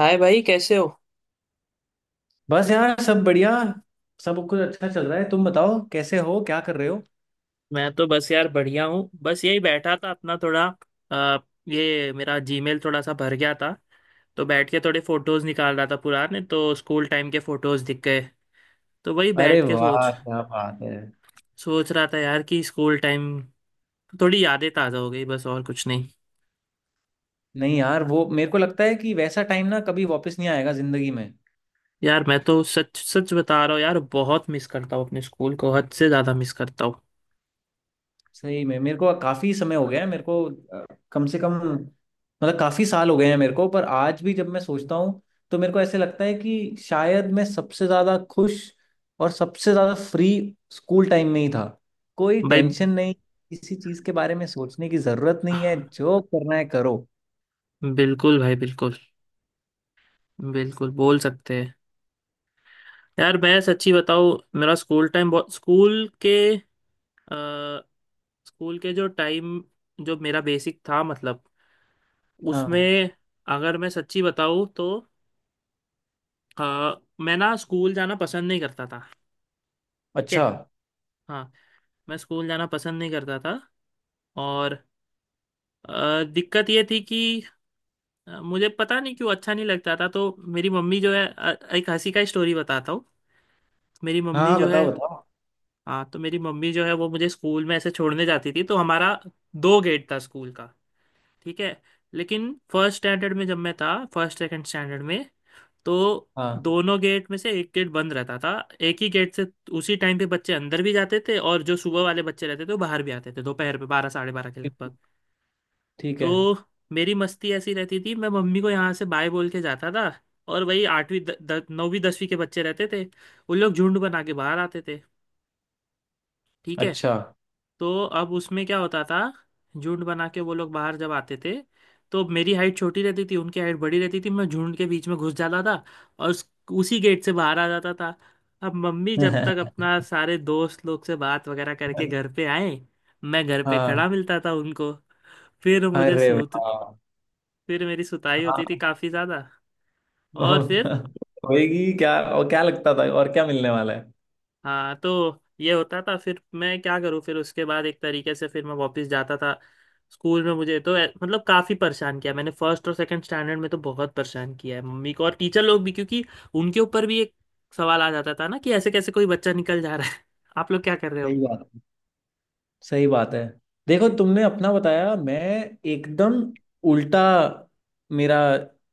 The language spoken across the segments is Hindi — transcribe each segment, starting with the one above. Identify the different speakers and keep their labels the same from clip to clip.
Speaker 1: हाय भाई कैसे हो।
Speaker 2: बस यार सब बढ़िया। सब कुछ अच्छा चल रहा है। तुम बताओ कैसे हो, क्या कर रहे हो?
Speaker 1: मैं तो बस यार बढ़िया हूँ। बस यही बैठा था अपना थोड़ा अ, ये मेरा जीमेल थोड़ा सा भर गया था। तो बैठ के थोड़े फोटोज निकाल रहा था पुराने। तो स्कूल टाइम के फोटोज दिख गए। तो वही
Speaker 2: अरे
Speaker 1: बैठ के सोच
Speaker 2: वाह, क्या बात है।
Speaker 1: सोच रहा था यार कि स्कूल टाइम थोड़ी यादें ताज़ा हो गई। बस और कुछ नहीं।
Speaker 2: नहीं यार, वो मेरे को लगता है कि वैसा टाइम ना कभी वापस नहीं आएगा जिंदगी में।
Speaker 1: यार मैं तो सच सच बता रहा हूँ यार, बहुत मिस करता हूँ अपने स्कूल को, हद से ज़्यादा मिस करता हूँ।
Speaker 2: सही में मेरे को काफी समय हो गया है मेरे को। अ, कम से कम मतलब काफी साल हो गए हैं मेरे को। पर आज भी जब मैं सोचता हूँ तो मेरे को ऐसे लगता है कि शायद मैं सबसे ज्यादा खुश और सबसे ज्यादा फ्री स्कूल टाइम में ही था। कोई
Speaker 1: भाई,
Speaker 2: टेंशन नहीं, किसी चीज के बारे में सोचने की जरूरत नहीं है, जो करना है करो।
Speaker 1: बिल्कुल भाई, बिल्कुल, बिल्कुल बोल सकते हैं। यार मैं सच्ची बताऊँ, मेरा स्कूल टाइम बहुत, अ, स्कूल के जो टाइम, जो मेरा बेसिक था मतलब,
Speaker 2: हाँ।
Speaker 1: उसमें अगर मैं सच्ची बताऊँ तो अ, मैं ना स्कूल जाना पसंद नहीं करता था। ठीक है।
Speaker 2: अच्छा।
Speaker 1: हाँ, मैं स्कूल जाना पसंद नहीं करता था। और दिक्कत ये थी कि मुझे पता नहीं क्यों अच्छा नहीं लगता था। तो मेरी मम्मी जो है, एक हंसी का स्टोरी बताता हूँ। मेरी
Speaker 2: हाँ
Speaker 1: मम्मी
Speaker 2: हाँ,
Speaker 1: जो
Speaker 2: बताओ
Speaker 1: है।
Speaker 2: बताओ।
Speaker 1: हाँ, तो मेरी मम्मी जो है वो मुझे स्कूल में ऐसे छोड़ने जाती थी। तो हमारा दो गेट था स्कूल का। ठीक है। लेकिन फर्स्ट स्टैंडर्ड में जब मैं था, फर्स्ट सेकंड स्टैंडर्ड में, तो
Speaker 2: हाँ।
Speaker 1: दोनों गेट में से एक गेट बंद रहता था। एक ही गेट से उसी टाइम पे बच्चे अंदर भी जाते थे, और जो सुबह वाले बच्चे रहते थे वो बाहर भी आते थे, दोपहर पे बारह साढ़े बारह के लगभग।
Speaker 2: ठीक है।
Speaker 1: तो मेरी मस्ती ऐसी रहती थी। मैं मम्मी को यहाँ से बाय बोल के जाता था, और वही आठवीं द, द, नौवीं 10वीं के बच्चे रहते थे, उन लोग झुंड बना के बाहर आते थे। ठीक है।
Speaker 2: अच्छा।
Speaker 1: तो अब उसमें क्या होता था, झुंड बना के वो लोग बाहर जब आते थे, तो मेरी हाइट छोटी रहती थी, उनकी हाइट बड़ी रहती थी, मैं झुंड के बीच में घुस जाता था और उसी गेट से बाहर आ जाता था। अब मम्मी जब तक अपना सारे दोस्त लोग से बात वगैरह करके घर पे आए, मैं घर पे
Speaker 2: हाँ।
Speaker 1: खड़ा मिलता था उनको। फिर मुझे
Speaker 2: अरे
Speaker 1: सूत
Speaker 2: वाह।
Speaker 1: फिर मेरी सुताई होती थी
Speaker 2: हाँ।
Speaker 1: काफ़ी ज़्यादा। और फिर,
Speaker 2: होएगी क्या, और क्या लगता था, और क्या मिलने वाला है।
Speaker 1: हाँ तो ये होता था। फिर मैं क्या करूँ? फिर उसके बाद एक तरीके से फिर मैं वापस जाता था स्कूल में। मुझे तो मतलब काफ़ी परेशान किया मैंने, फर्स्ट और सेकंड स्टैंडर्ड में तो बहुत परेशान किया है मम्मी को और टीचर लोग भी, क्योंकि उनके ऊपर भी एक सवाल आ जाता था ना कि ऐसे कैसे कोई बच्चा निकल जा रहा है। आप लोग क्या कर रहे हो।
Speaker 2: सही बात। सही बात है। देखो, तुमने अपना बताया। मैं एकदम उल्टा मेरा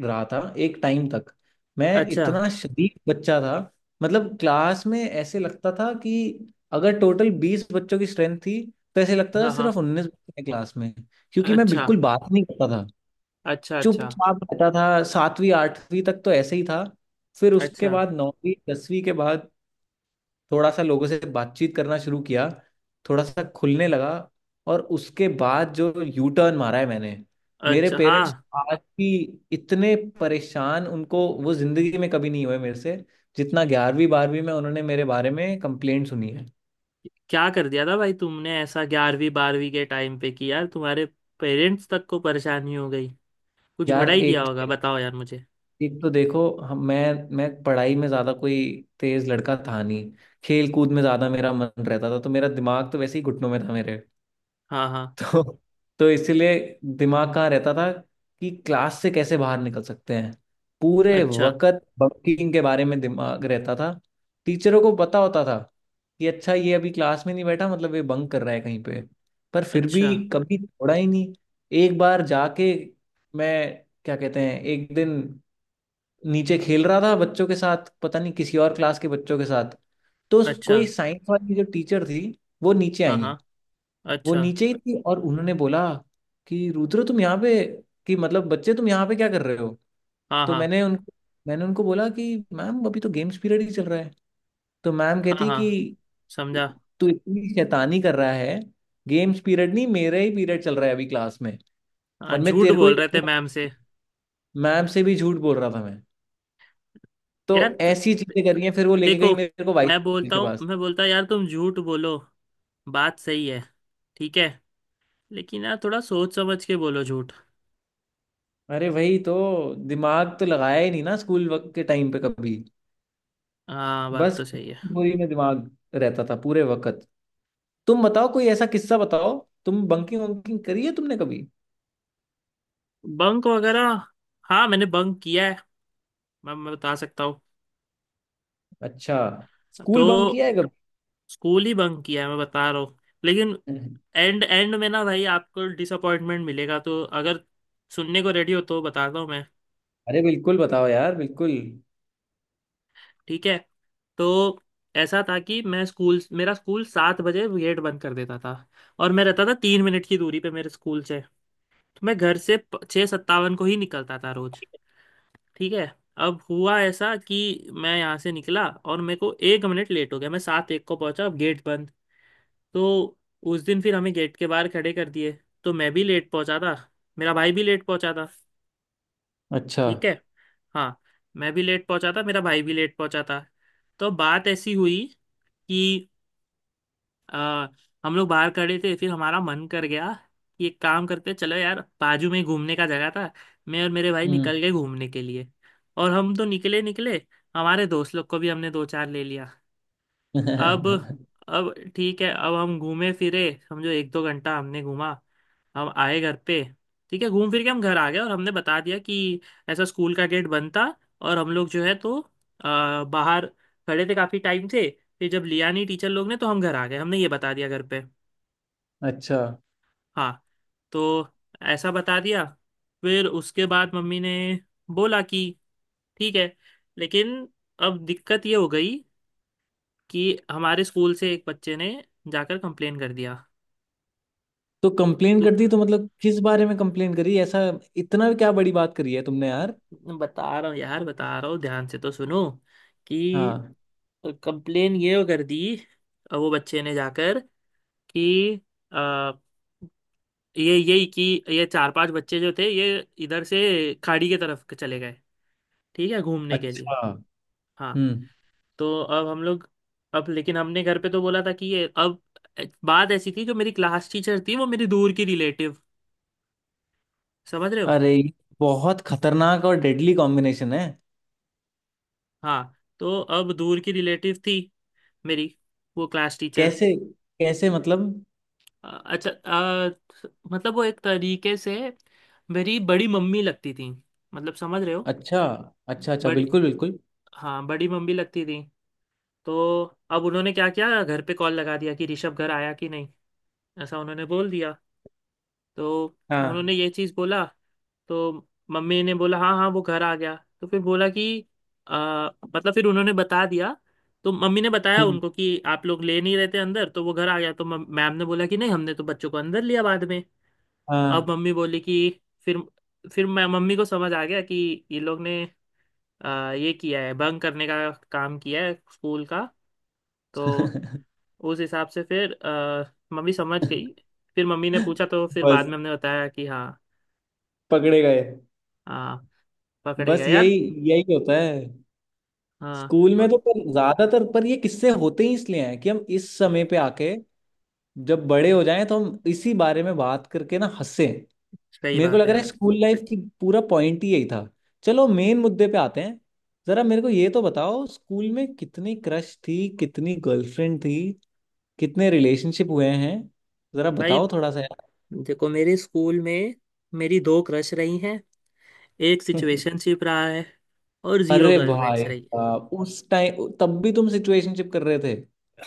Speaker 2: रहा था एक टाइम तक। मैं
Speaker 1: अच्छा।
Speaker 2: इतना शरीफ बच्चा था, मतलब क्लास में ऐसे लगता था कि अगर टोटल बीस बच्चों की स्ट्रेंथ थी तो ऐसे लगता था
Speaker 1: हाँ हाँ।
Speaker 2: सिर्फ उन्नीस बच्चे हैं क्लास में। क्योंकि मैं
Speaker 1: अच्छा
Speaker 2: बिल्कुल बात नहीं करता था,
Speaker 1: अच्छा। अच्छा
Speaker 2: चुपचाप रहता था। सातवीं आठवीं तक तो ऐसे ही था। फिर उसके
Speaker 1: अच्छा।
Speaker 2: बाद, नौवीं दसवीं के बाद, थोड़ा सा लोगों से बातचीत करना शुरू किया, थोड़ा सा खुलने लगा। और उसके बाद जो यू टर्न मारा है मैंने, मेरे
Speaker 1: अच्छा।
Speaker 2: पेरेंट्स
Speaker 1: हाँ।
Speaker 2: आज भी इतने परेशान उनको वो जिंदगी में कभी नहीं हुए मेरे से, जितना ग्यारहवीं बारहवीं में उन्होंने मेरे बारे में कंप्लेंट सुनी है।
Speaker 1: क्या कर दिया था भाई तुमने ऐसा 11वीं 12वीं के टाइम पे कि यार तुम्हारे पेरेंट्स तक को परेशानी हो गई? कुछ
Speaker 2: यार
Speaker 1: बड़ा ही किया
Speaker 2: एक,
Speaker 1: होगा, बताओ यार मुझे।
Speaker 2: एक तो देखो हम मैं पढ़ाई में ज़्यादा कोई तेज़ लड़का था नहीं। खेल कूद में ज़्यादा मेरा मन रहता था, तो मेरा दिमाग तो वैसे ही घुटनों में था मेरे।
Speaker 1: हाँ हाँ।
Speaker 2: तो, इसीलिए दिमाग कहाँ रहता था, कि क्लास से कैसे बाहर निकल सकते हैं। पूरे
Speaker 1: अच्छा
Speaker 2: वक्त बंकिंग के बारे में दिमाग रहता था। टीचरों को पता होता था कि अच्छा ये अभी क्लास में नहीं बैठा, मतलब ये बंक कर रहा है कहीं पे। पर फिर भी
Speaker 1: अच्छा
Speaker 2: कभी छोड़ा ही नहीं। एक बार जाके मैं, क्या कहते हैं, एक दिन नीचे खेल रहा था बच्चों के साथ, पता नहीं किसी और क्लास के बच्चों के साथ, तो
Speaker 1: अच्छा।
Speaker 2: कोई साइंस वाली जो टीचर थी वो नीचे
Speaker 1: हाँ हाँ।
Speaker 2: आई। वो
Speaker 1: अच्छा।
Speaker 2: नीचे ही थी, और उन्होंने बोला कि रुद्र तुम यहाँ पे, कि मतलब बच्चे तुम यहाँ पे क्या कर रहे हो।
Speaker 1: हाँ
Speaker 2: तो
Speaker 1: हाँ।
Speaker 2: मैंने उनको बोला कि मैम अभी तो गेम्स पीरियड ही चल रहा है। तो मैम
Speaker 1: हाँ
Speaker 2: कहती
Speaker 1: हाँ।
Speaker 2: कि
Speaker 1: समझा।
Speaker 2: तू इतनी शैतानी कर रहा है, गेम्स पीरियड नहीं, मेरा ही पीरियड चल रहा है अभी क्लास में,
Speaker 1: हाँ,
Speaker 2: और मैं
Speaker 1: झूठ
Speaker 2: तेरे को ही
Speaker 1: बोल रहे थे
Speaker 2: देखूं।
Speaker 1: मैम से।
Speaker 2: मैम से भी झूठ बोल रहा था मैं। तो
Speaker 1: यार
Speaker 2: ऐसी चीजें करी हैं, फिर वो लेके
Speaker 1: देखो,
Speaker 2: गई मेरे को वाइस
Speaker 1: मैं
Speaker 2: प्रिंसिपल
Speaker 1: बोलता
Speaker 2: के
Speaker 1: हूँ
Speaker 2: पास।
Speaker 1: मैं बोलता यार, तुम झूठ बोलो बात सही है, ठीक है, लेकिन यार थोड़ा सोच समझ के बोलो झूठ।
Speaker 2: अरे वही तो, दिमाग तो लगाया ही नहीं ना स्कूल वक्त के टाइम पे कभी।
Speaker 1: हाँ बात
Speaker 2: बस
Speaker 1: तो सही है।
Speaker 2: वही में दिमाग रहता था पूरे वक्त। तुम बताओ, कोई ऐसा किस्सा बताओ, तुम बंकिंग वंकिंग करी है तुमने कभी?
Speaker 1: बंक वगैरह, हाँ मैंने बंक किया है, मैं बता सकता हूँ।
Speaker 2: अच्छा। स्कूल बंक
Speaker 1: तो
Speaker 2: किया है कभी?
Speaker 1: स्कूल ही बंक किया है मैं बता रहा हूँ। लेकिन एंड एंड में ना भाई आपको डिसअपॉइंटमेंट मिलेगा, तो अगर सुनने को रेडी हो तो बताता हूँ मैं।
Speaker 2: अरे बिल्कुल बताओ यार, बिल्कुल।
Speaker 1: ठीक है। तो ऐसा था कि मैं स्कूल, मेरा स्कूल 7 बजे गेट बंद कर देता था। और मैं रहता था 3 मिनट की दूरी पे मेरे स्कूल से। तो मैं घर से 6:57 को ही निकलता था रोज। ठीक है। अब हुआ ऐसा कि मैं यहाँ से निकला और मेरे को 1 मिनट लेट हो गया, मैं 7:01 को पहुंचा, अब गेट बंद। तो उस दिन फिर हमें गेट के बाहर खड़े कर दिए। तो मैं भी लेट पहुंचा था, मेरा भाई भी लेट पहुंचा था।
Speaker 2: अच्छा।
Speaker 1: ठीक है। हाँ। मैं भी लेट पहुंचा था, मेरा भाई भी लेट पहुंचा था। तो बात ऐसी हुई कि आ, हम लोग बाहर खड़े थे, फिर हमारा मन कर गया कि एक काम करते हैं, चलो यार, बाजू में घूमने का जगह था। मैं और मेरे भाई निकल
Speaker 2: हम्म।
Speaker 1: गए घूमने के लिए। और हम तो निकले निकले, हमारे दोस्त लोग को भी हमने दो चार ले लिया। अब अब ठीक है, अब हम घूमे फिरे। समझो एक दो घंटा हमने घूमा। हम आए घर पे। ठीक है, घूम फिर के हम घर आ गए, और हमने बता दिया कि ऐसा स्कूल का गेट बंद था और हम लोग जो है तो बाहर खड़े थे काफ़ी टाइम से, फिर जब लिया नहीं टीचर लोग ने तो हम घर आ गए, हमने ये बता दिया घर पे।
Speaker 2: अच्छा।
Speaker 1: हाँ, तो ऐसा बता दिया। फिर उसके बाद मम्मी ने बोला कि ठीक है। लेकिन अब दिक्कत ये हो गई कि हमारे स्कूल से एक बच्चे ने जाकर कंप्लेन कर दिया।
Speaker 2: तो कंप्लेन
Speaker 1: तो
Speaker 2: कर दी, तो मतलब किस बारे में कंप्लेन करी ऐसा? इतना क्या बड़ी बात करी है तुमने यार?
Speaker 1: बता रहा हूँ यार बता रहा हूँ, ध्यान से तो सुनो कि
Speaker 2: हाँ।
Speaker 1: कंप्लेन ये कर दी, वो बच्चे ने जाकर कि अ, ये यही कि ये चार पांच बच्चे जो थे, ये इधर से खाड़ी के तरफ चले गए, ठीक है घूमने के लिए।
Speaker 2: अच्छा।
Speaker 1: हाँ,
Speaker 2: हम्म।
Speaker 1: तो अब हम लोग, अब लेकिन हमने घर पे तो बोला था कि ये, अब बात ऐसी थी जो मेरी क्लास टीचर थी, वो मेरी दूर की रिलेटिव। समझ रहे हो?
Speaker 2: अरे ये बहुत खतरनाक और डेडली कॉम्बिनेशन है।
Speaker 1: हाँ, तो अब दूर की रिलेटिव थी मेरी, वो क्लास टीचर।
Speaker 2: कैसे? कैसे मतलब?
Speaker 1: अच्छा, मतलब वो एक तरीके से मेरी बड़ी मम्मी लगती थी, मतलब समझ रहे हो।
Speaker 2: अच्छा। अच्छा अच्छा,
Speaker 1: बड़ी,
Speaker 2: बिल्कुल बिल्कुल।
Speaker 1: हाँ बड़ी मम्मी लगती थी। तो अब उन्होंने क्या किया, घर पे कॉल लगा दिया कि ऋषभ घर आया कि नहीं, ऐसा उन्होंने बोल दिया। तो
Speaker 2: हाँ।
Speaker 1: उन्होंने ये चीज़ बोला, तो मम्मी ने बोला हाँ हाँ वो घर आ गया। तो फिर बोला कि आ, मतलब, फिर उन्होंने बता दिया। तो मम्मी ने बताया
Speaker 2: हम्म,
Speaker 1: उनको कि आप लोग ले नहीं रहते अंदर, तो वो घर आ गया। तो मैम ने बोला कि नहीं, हमने तो बच्चों को अंदर लिया बाद में। अब
Speaker 2: हाँ।
Speaker 1: मम्मी बोली कि फिर, मैं, मम्मी को समझ आ गया कि ये लोग ने ये किया है, भंग करने का काम किया है स्कूल का। तो उस हिसाब से फिर मम्मी समझ गई। फिर मम्मी ने पूछा, तो फिर बाद
Speaker 2: बस
Speaker 1: में हमने बताया कि हाँ।
Speaker 2: पकड़े गए।
Speaker 1: हाँ, पकड़े
Speaker 2: बस
Speaker 1: गए
Speaker 2: यही,
Speaker 1: यार।
Speaker 2: यही होता है
Speaker 1: हाँ,
Speaker 2: स्कूल में। तो पर ज्यादातर पर ये किस्से होते ही इसलिए हैं, कि हम इस समय पे आके, जब बड़े हो जाएं, तो हम इसी बारे में बात करके ना हंसे।
Speaker 1: सही
Speaker 2: मेरे को
Speaker 1: बात
Speaker 2: लग
Speaker 1: है
Speaker 2: रहा है
Speaker 1: यार।
Speaker 2: स्कूल लाइफ की पूरा पॉइंट ही यही था। चलो मेन मुद्दे पे आते हैं। जरा मेरे को ये तो बताओ स्कूल में कितनी क्रश थी, कितनी गर्लफ्रेंड थी, कितने रिलेशनशिप हुए हैं, जरा
Speaker 1: भाई
Speaker 2: बताओ थोड़ा सा यार।
Speaker 1: देखो, मेरे स्कूल में मेरी दो क्रश रही हैं, एक सिचुएशनशिप रहा है और जीरो
Speaker 2: अरे भाई
Speaker 1: गर्लफ्रेंड्स रही।
Speaker 2: साहब, उस टाइम तब भी तुम सिचुएशनशिप कर रहे थे?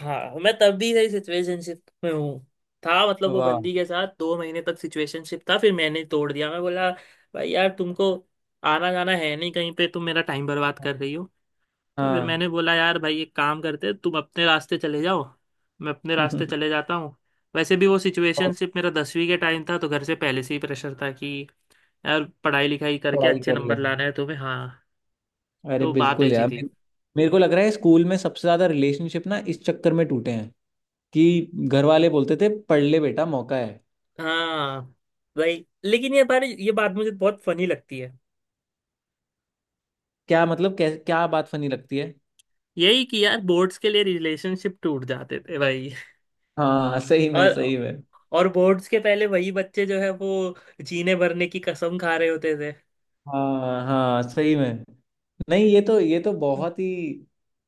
Speaker 1: हाँ, मैं तब भी सही सिचुएशनशिप में हूँ, था मतलब, वो
Speaker 2: वाह।
Speaker 1: बंदी के साथ 2 महीने तक सिचुएशनशिप था, फिर मैंने तोड़ दिया। मैं बोला भाई यार तुमको आना जाना है नहीं कहीं पे, तुम मेरा टाइम बर्बाद कर रही हो। तो फिर
Speaker 2: हाँ।
Speaker 1: मैंने बोला यार भाई एक काम करते हैं, तुम अपने रास्ते चले जाओ, मैं अपने रास्ते चले जाता हूँ। वैसे भी वो
Speaker 2: और
Speaker 1: सिचुएशनशिप मेरा 10वीं के टाइम था, तो घर से पहले से ही प्रेशर था कि यार पढ़ाई लिखाई करके
Speaker 2: पढ़ाई
Speaker 1: अच्छे
Speaker 2: कर ले।
Speaker 1: नंबर लाना है तुम्हें। हाँ,
Speaker 2: अरे
Speaker 1: तो बात
Speaker 2: बिल्कुल
Speaker 1: ऐसी
Speaker 2: यार
Speaker 1: थी।
Speaker 2: मेरे, मेरे को लग रहा है स्कूल में सबसे ज्यादा रिलेशनशिप ना इस चक्कर में टूटे हैं, कि घर वाले बोलते थे पढ़ ले बेटा, मौका है।
Speaker 1: हाँ भाई, लेकिन ये बारे ये बात मुझे बहुत फनी लगती है,
Speaker 2: क्या बात फनी लगती है?
Speaker 1: यही कि यार बोर्ड्स के लिए रिलेशनशिप टूट जाते थे भाई।
Speaker 2: हाँ सही में,
Speaker 1: और
Speaker 2: सही में।
Speaker 1: और बोर्ड्स के पहले वही बच्चे जो है वो जीने भरने की कसम खा रहे होते थे।
Speaker 2: हाँ हाँ, सही में। नहीं ये तो, ये तो बहुत ही,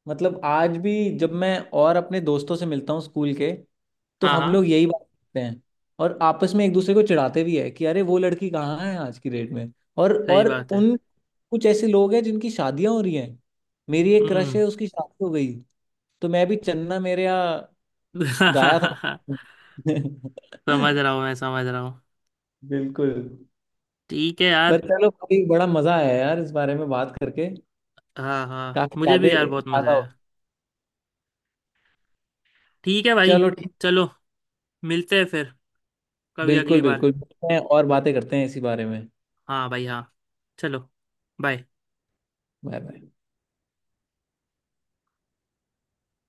Speaker 2: मतलब आज भी जब मैं और अपने दोस्तों से मिलता हूँ स्कूल के, तो
Speaker 1: हाँ
Speaker 2: हम
Speaker 1: हाँ
Speaker 2: लोग यही बात करते हैं। और आपस में एक दूसरे को चिढ़ाते भी है कि अरे वो लड़की कहाँ है आज की डेट में।
Speaker 1: सही
Speaker 2: और
Speaker 1: बात है।
Speaker 2: उन, कुछ ऐसे लोग हैं जिनकी शादियां हो रही हैं। मेरी एक क्रश
Speaker 1: हम्म।
Speaker 2: है, उसकी शादी हो गई, तो मैं भी चन्ना मेरे यहाँ गाया था।
Speaker 1: समझ रहा हूँ मैं समझ रहा हूँ।
Speaker 2: बिल्कुल।
Speaker 1: ठीक है
Speaker 2: पर
Speaker 1: यार।
Speaker 2: चलो, कभी बड़ा मजा आया यार इस बारे में बात करके।
Speaker 1: हाँ हाँ
Speaker 2: काफी
Speaker 1: मुझे भी यार
Speaker 2: यादें
Speaker 1: बहुत मजा
Speaker 2: ताजा हो।
Speaker 1: आया। ठीक है भाई।
Speaker 2: चलो ठीक।
Speaker 1: चलो मिलते हैं फिर कभी
Speaker 2: बिल्कुल
Speaker 1: अगली बार।
Speaker 2: बिल्कुल, मिलते हैं और बातें करते हैं इसी बारे में।
Speaker 1: हाँ भाई हाँ। चलो। बाय।
Speaker 2: Bye bye.